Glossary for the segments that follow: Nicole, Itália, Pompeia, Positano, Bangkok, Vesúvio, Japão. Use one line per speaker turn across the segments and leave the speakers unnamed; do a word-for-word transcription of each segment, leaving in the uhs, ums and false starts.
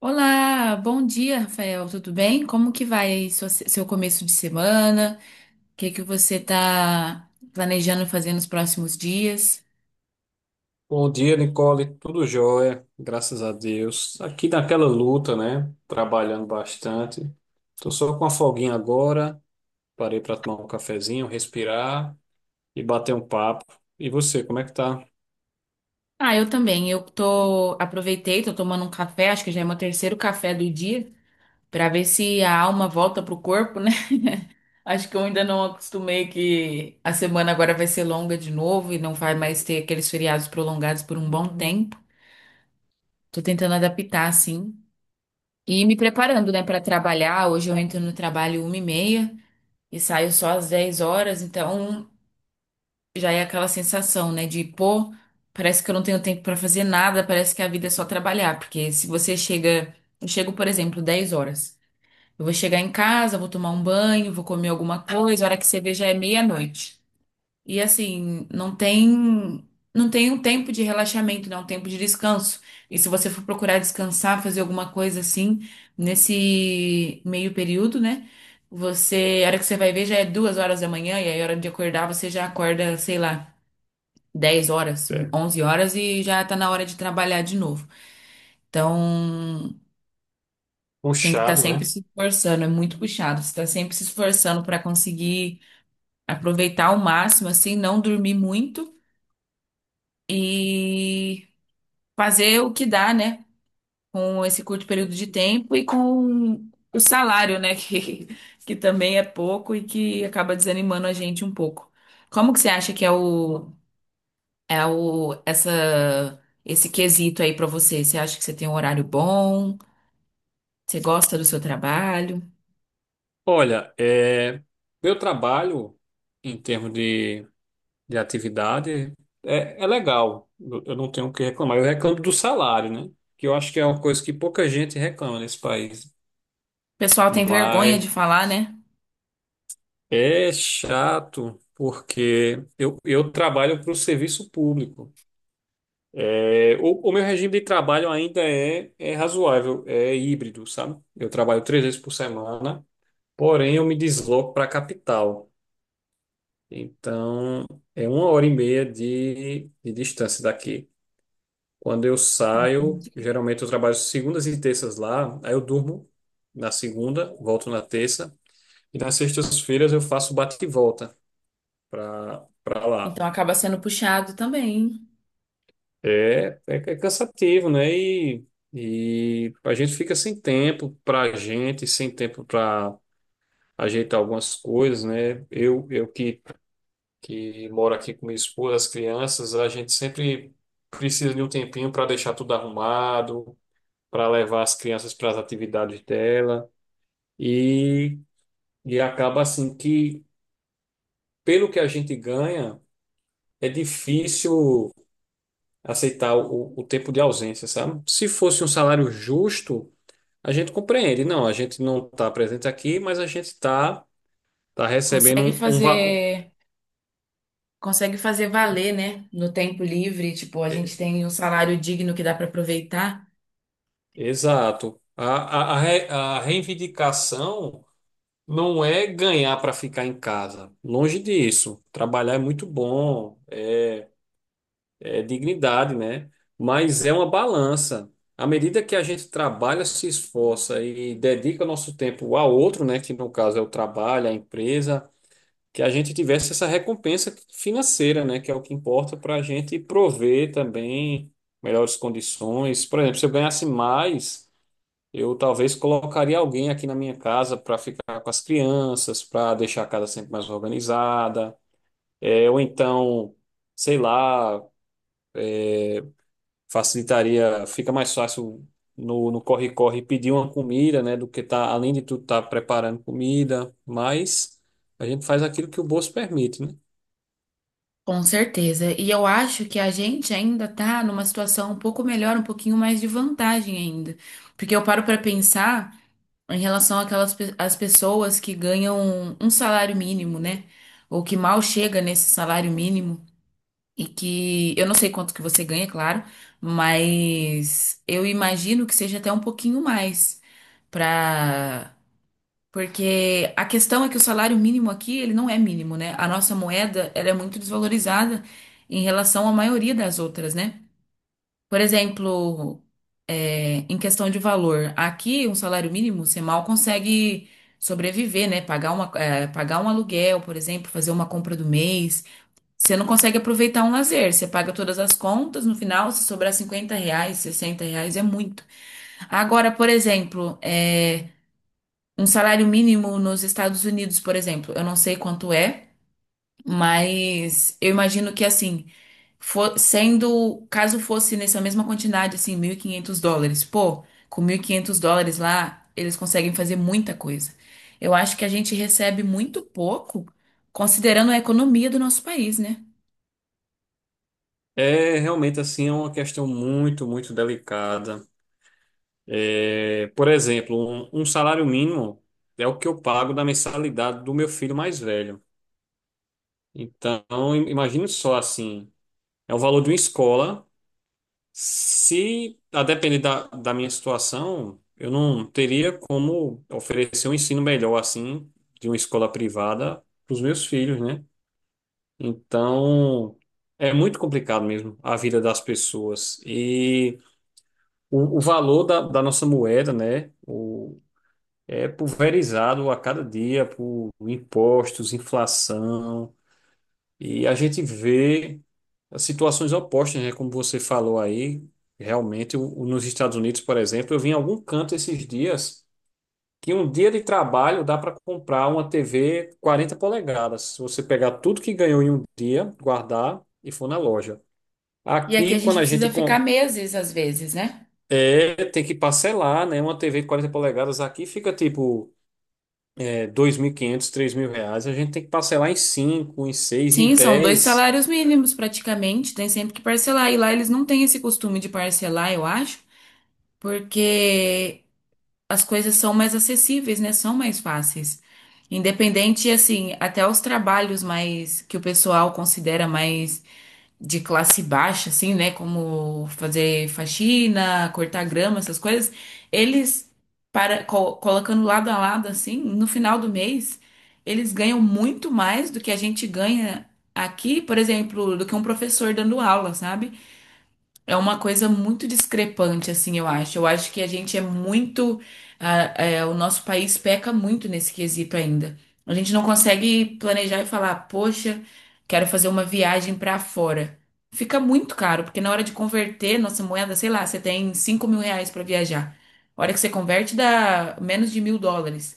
Olá, bom dia, Rafael. Tudo bem? Como que vai sua- seu começo de semana? O que que você está planejando fazer nos próximos dias?
Bom dia, Nicole. Tudo jóia, graças a Deus. Aqui naquela luta, né? Trabalhando bastante. Tô só com a folguinha agora. Parei para tomar um cafezinho, respirar e bater um papo. E você, como é que tá?
Ah, eu também. Eu tô aproveitei, tô tomando um café, acho que já é meu terceiro café do dia, para ver se a alma volta pro corpo, né? Acho que eu ainda não acostumei que a semana agora vai ser longa de novo e não vai mais ter aqueles feriados prolongados por um bom tempo. Tô tentando adaptar, assim. E me preparando, né, para trabalhar. Hoje eu entro no trabalho uma e meia e saio só às dez horas, então já é aquela sensação, né, de pô, parece que eu não tenho tempo para fazer nada, parece que a vida é só trabalhar, porque se você chega, eu chego, por exemplo, dez horas. Eu vou chegar em casa, vou tomar um banho, vou comer alguma coisa, a hora que você vê já é meia-noite. E assim, não tem não tem um tempo de relaxamento, não, um tempo de descanso. E se você for procurar descansar, fazer alguma coisa assim, nesse meio período, né? Você, a hora que você vai ver já é duas horas da manhã, e aí a hora de acordar você já acorda, sei lá, dez horas,
É.
onze horas e já tá na hora de trabalhar de novo. Então, tem que estar
Puxado,
sempre
né?
se esforçando, é muito puxado. Você está sempre se esforçando para conseguir aproveitar ao máximo, assim, não dormir muito. E fazer o que dá, né? Com esse curto período de tempo e com o salário, né? Que, que também é pouco e que acaba desanimando a gente um pouco. Como que você acha que é o, é o, essa, esse quesito aí pra você? Você acha que você tem um horário bom? Você gosta do seu trabalho? O
Olha, é, meu trabalho em termos de, de atividade é, é legal. Eu eu não tenho o que reclamar. Eu reclamo do salário, né? Que eu acho que é uma coisa que pouca gente reclama nesse país.
pessoal tem vergonha de
Mas
falar, né?
é chato porque eu, eu trabalho para o serviço público. É, o, o meu regime de trabalho ainda é, é razoável, é híbrido, sabe? Eu trabalho três vezes por semana, porém eu me desloco para a capital. Então é uma hora e meia de, de distância daqui. Quando eu saio, geralmente eu trabalho segundas e terças lá, aí eu durmo na segunda, volto na terça, e nas sextas-feiras eu faço bate e volta para para lá.
Então acaba sendo puxado também.
É, é, é cansativo, né? E, e a gente fica sem tempo pra gente, sem tempo pra ajeitar algumas coisas, né? Eu, eu que, que moro aqui com minha esposa, as crianças, a gente sempre precisa de um tempinho para deixar tudo arrumado, para levar as crianças para as atividades dela. E, e acaba assim que, pelo que a gente ganha, é difícil aceitar o, o tempo de ausência, sabe? Se fosse um salário justo. A gente compreende, não, a gente não está presente aqui, mas a gente está tá tá recebendo
Consegue
um, um va- um-
fazer. consegue fazer valer, né? No tempo livre, tipo, a gente tem um salário digno que dá para aproveitar.
Exato. A, a, a re- a reivindicação não é ganhar para ficar em casa. Longe disso. Trabalhar é muito bom, é, é dignidade, né? Mas é uma balança. À medida que a gente trabalha, se esforça e dedica o nosso tempo ao outro, né? Que no caso é o trabalho, a empresa. Que a gente tivesse essa recompensa financeira, né, que é o que importa para a gente prover também melhores condições. Por exemplo, se eu ganhasse mais, eu talvez colocaria alguém aqui na minha casa para ficar com as crianças, para deixar a casa sempre mais organizada, é, ou então, sei lá, facilitaria, fica mais fácil no, no corre-corre pedir uma comida, né, do que tá, além de tudo, estar preparando comida, mas a gente faz aquilo que o bolso permite, né?
Com certeza. E eu acho que a gente ainda tá numa situação um pouco melhor, um pouquinho mais de vantagem ainda. Porque eu paro para pensar em relação àquelas pe- às pessoas que ganham um salário mínimo, né? Ou que mal chega nesse salário mínimo. E que eu não sei quanto que você ganha, claro, mas eu imagino que seja até um pouquinho mais para Porque a questão é que o salário mínimo aqui, ele não é mínimo, né? A nossa moeda, ela é muito desvalorizada em relação à maioria das outras, né? Por exemplo, é, em questão de valor, aqui um salário mínimo você mal consegue sobreviver, né? Pagar uma, é, pagar um aluguel, por exemplo, fazer uma compra do mês. Você não consegue aproveitar um lazer, você paga todas as contas, no final, se sobrar cinquenta reais, sessenta reais, é muito. Agora, por exemplo, é. Um salário mínimo nos Estados Unidos, por exemplo, eu não sei quanto é, mas eu imagino que assim, fo- sendo, caso fosse nessa mesma quantidade, assim, mil e quinhentos dólares, pô, com mil e quinhentos dólares lá, eles conseguem fazer muita coisa. Eu acho que a gente recebe muito pouco, considerando a economia do nosso país, né?
É realmente assim, é uma questão muito, muito delicada. É, por exemplo, um, um salário mínimo é o que eu pago da mensalidade do meu filho mais velho. Então, im- imagine só assim, é o valor de uma escola. Se, a depender da, da minha situação, eu não teria como oferecer um ensino melhor assim de uma escola privada para os meus filhos, né? Então, é muito complicado mesmo a vida das pessoas. E O, o valor da, da nossa moeda, né, o, é pulverizado a cada dia por impostos, inflação, e a gente vê as situações opostas, né, como você falou aí. Realmente, o, o- nos Estados Unidos, por exemplo, eu vi em algum canto esses dias que um dia de trabalho dá para comprar uma T V quarenta polegadas. Se você pegar tudo que ganhou em um dia, guardar e for na loja.
E aqui a
Aqui,
gente
quando a gente
precisa ficar
com-
meses, às vezes, né?
É, tem que parcelar, né? Uma T V de quarenta polegadas aqui fica tipo é, dois mil e quinhentos, três mil reais. A gente tem que parcelar em cinco em seis em
Sim, são dois
dez.
salários mínimos praticamente, tem sempre que parcelar. E lá eles não têm esse costume de parcelar, eu acho. porque as coisas são mais acessíveis, né? São mais fáceis. Independente, assim, até os trabalhos mais que o pessoal considera mais de classe baixa, assim, né? Como fazer faxina, cortar grama, essas coisas, eles para co- colocando lado a lado, assim, no final do mês, eles ganham muito mais do que a gente ganha aqui, por exemplo, do que um professor dando aula, sabe? É uma coisa muito discrepante, assim, eu acho. Eu acho que a gente é muito. Ah, é, o nosso país peca muito nesse quesito ainda. A gente não consegue planejar e falar, poxa, quero fazer uma viagem pra fora. Fica muito caro, porque na hora de converter nossa moeda, sei lá, você tem cinco mil reais pra viajar. A hora que você converte, dá menos de mil dólares.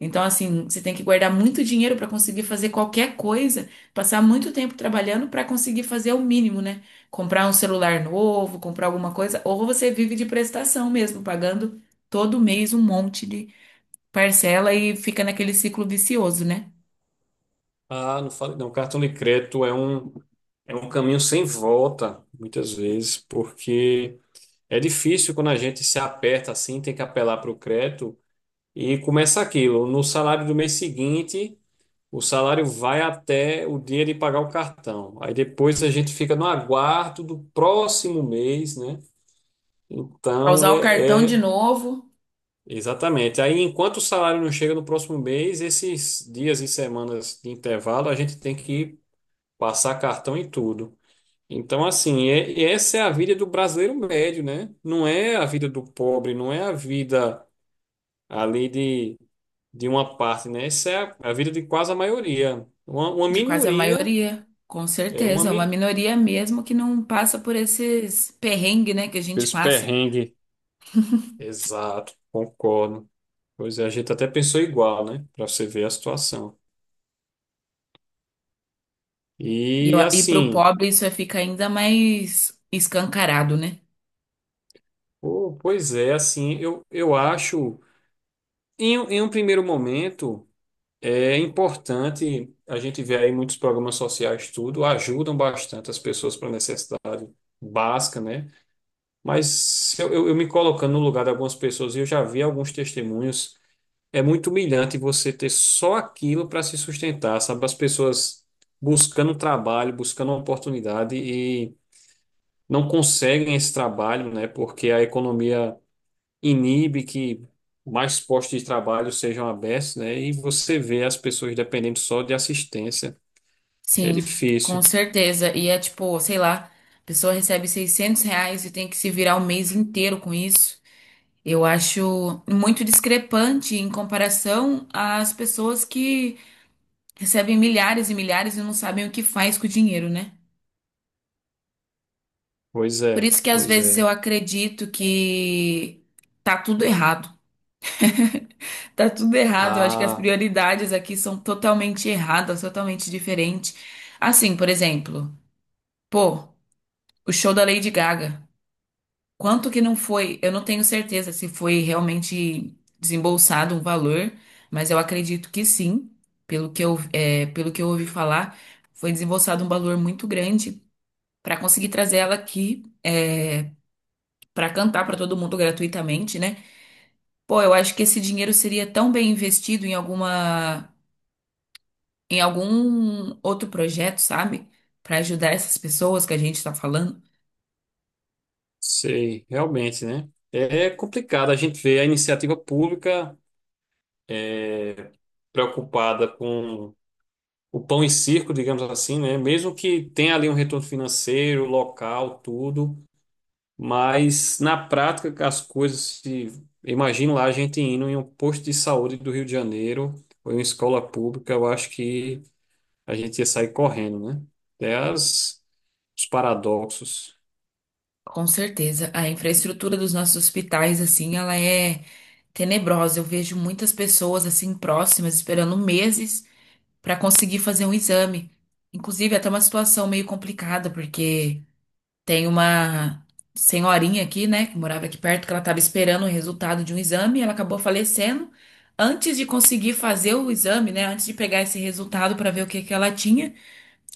Então, assim, você tem que guardar muito dinheiro para conseguir fazer qualquer coisa, passar muito tempo trabalhando para conseguir fazer o mínimo, né? Comprar um celular novo, comprar alguma coisa, ou você vive de prestação mesmo, pagando todo mês um monte de parcela e fica naquele ciclo vicioso, né?
Ah, não falei, não. Cartão de crédito é um, é um caminho sem volta, muitas vezes, porque é difícil quando a gente se aperta assim, tem que apelar para o crédito e começa aquilo. No salário do mês seguinte, o salário vai até o dia de pagar o cartão. Aí depois a gente fica no aguardo do próximo mês, né?
Pra usar
Então,
o
é,
cartão de
é-
novo,
Exatamente. Aí, enquanto o salário não chega no próximo mês, esses dias e semanas de intervalo, a gente tem que passar cartão em tudo. Então, assim, é- e essa é a vida do brasileiro médio, né? Não é a vida do pobre, não é a vida ali de, de uma parte, né? Essa é a, a vida de quase a maioria. Uma, uma
de quase a
minoria,
maioria, com
é uma
certeza, é uma
mi-.
minoria mesmo que não passa por esses perrengues, né, que a gente
Esse
passa.
perrengue. Exato, concordo. Pois é, a gente até pensou igual, né? Para você ver a situação.
E, eu-
E
e pro
assim,
pobre isso fica ainda mais escancarado, né?
pô, pois é, assim, eu, eu acho, em, um- em um primeiro momento, é importante, a gente vê aí muitos programas sociais, tudo, ajudam bastante as pessoas para necessidade básica, né? Mas se eu, eu, eu me colocando no lugar de algumas pessoas, e eu já vi alguns testemunhos, é muito humilhante você ter só aquilo para se sustentar, sabe? As pessoas buscando trabalho, buscando oportunidade e não conseguem esse trabalho, né? Porque a economia inibe que mais postos de trabalho sejam abertos, né? E você vê as pessoas dependendo só de assistência. É
Sim, com
difícil.
certeza. E é tipo, sei lá, a pessoa recebe seiscentos reais e tem que se virar o mês inteiro com isso. Eu acho muito discrepante em comparação às pessoas que recebem milhares e milhares e não sabem o que faz com o dinheiro, né?
Pois
Por
é,
isso que às
pois
vezes eu
é.
acredito que tá tudo errado. Tá tudo errado. Eu acho que as
Ah,
prioridades aqui são totalmente erradas, totalmente diferentes. Assim, por exemplo, pô, o show da Lady Gaga. Quanto que não foi? Eu não tenho certeza se foi realmente desembolsado um valor, mas eu acredito que sim, pelo que eu, é, pelo que eu ouvi falar, foi desembolsado um valor muito grande para conseguir trazer ela aqui, é, para cantar para todo mundo gratuitamente, né? Pô, eu acho que esse dinheiro seria tão bem investido em alguma, em algum outro projeto, sabe? Para ajudar essas pessoas que a gente está falando.
sei, realmente, né? É complicado a gente ver a iniciativa pública preocupada com o pão e circo, digamos assim, né? Mesmo que tenha ali um retorno financeiro, local, tudo, mas na prática, as coisas se. Imagina lá a gente indo em um posto de saúde do Rio de Janeiro ou em uma escola pública, eu acho que a gente ia sair correndo, né? Até as- os paradoxos.
Com certeza, a infraestrutura dos nossos hospitais, assim, ela é tenebrosa. Eu vejo muitas pessoas assim próximas esperando meses para conseguir fazer um exame. Inclusive, é até uma situação meio complicada, porque tem uma senhorinha aqui, né, que morava aqui perto, que ela estava esperando o resultado de um exame, e ela acabou falecendo antes de conseguir fazer o exame, né, antes de pegar esse resultado para ver o que que ela tinha.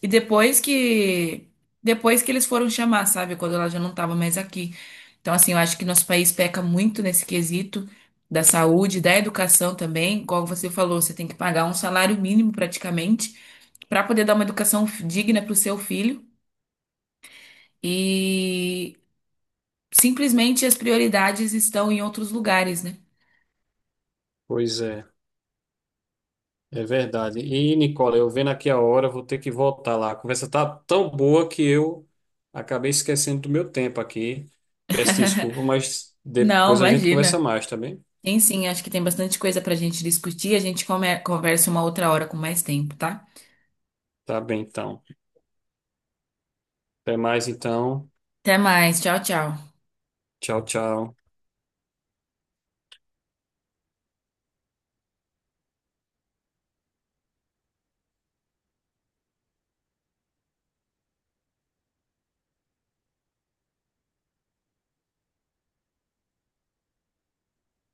E depois que depois que eles foram chamar, sabe, quando ela já não estava mais aqui. Então, assim, eu acho que nosso país peca muito nesse quesito da saúde, da educação também. Como você falou, você tem que pagar um salário mínimo praticamente para poder dar uma educação digna para o seu filho. E simplesmente as prioridades estão em outros lugares, né?
Pois é, é verdade. E, Nicola, eu vendo aqui a hora, vou ter que voltar lá. A conversa tá tão boa que eu acabei esquecendo do meu tempo aqui. Peço desculpa, mas
Não,
depois a gente conversa
imagina.
mais, tá bem?
Tem sim, acho que tem bastante coisa pra gente discutir. A gente come- conversa uma outra hora com mais tempo, tá?
Tá bem, então. Até mais, então.
Até mais. Tchau, tchau.
Tchau, tchau.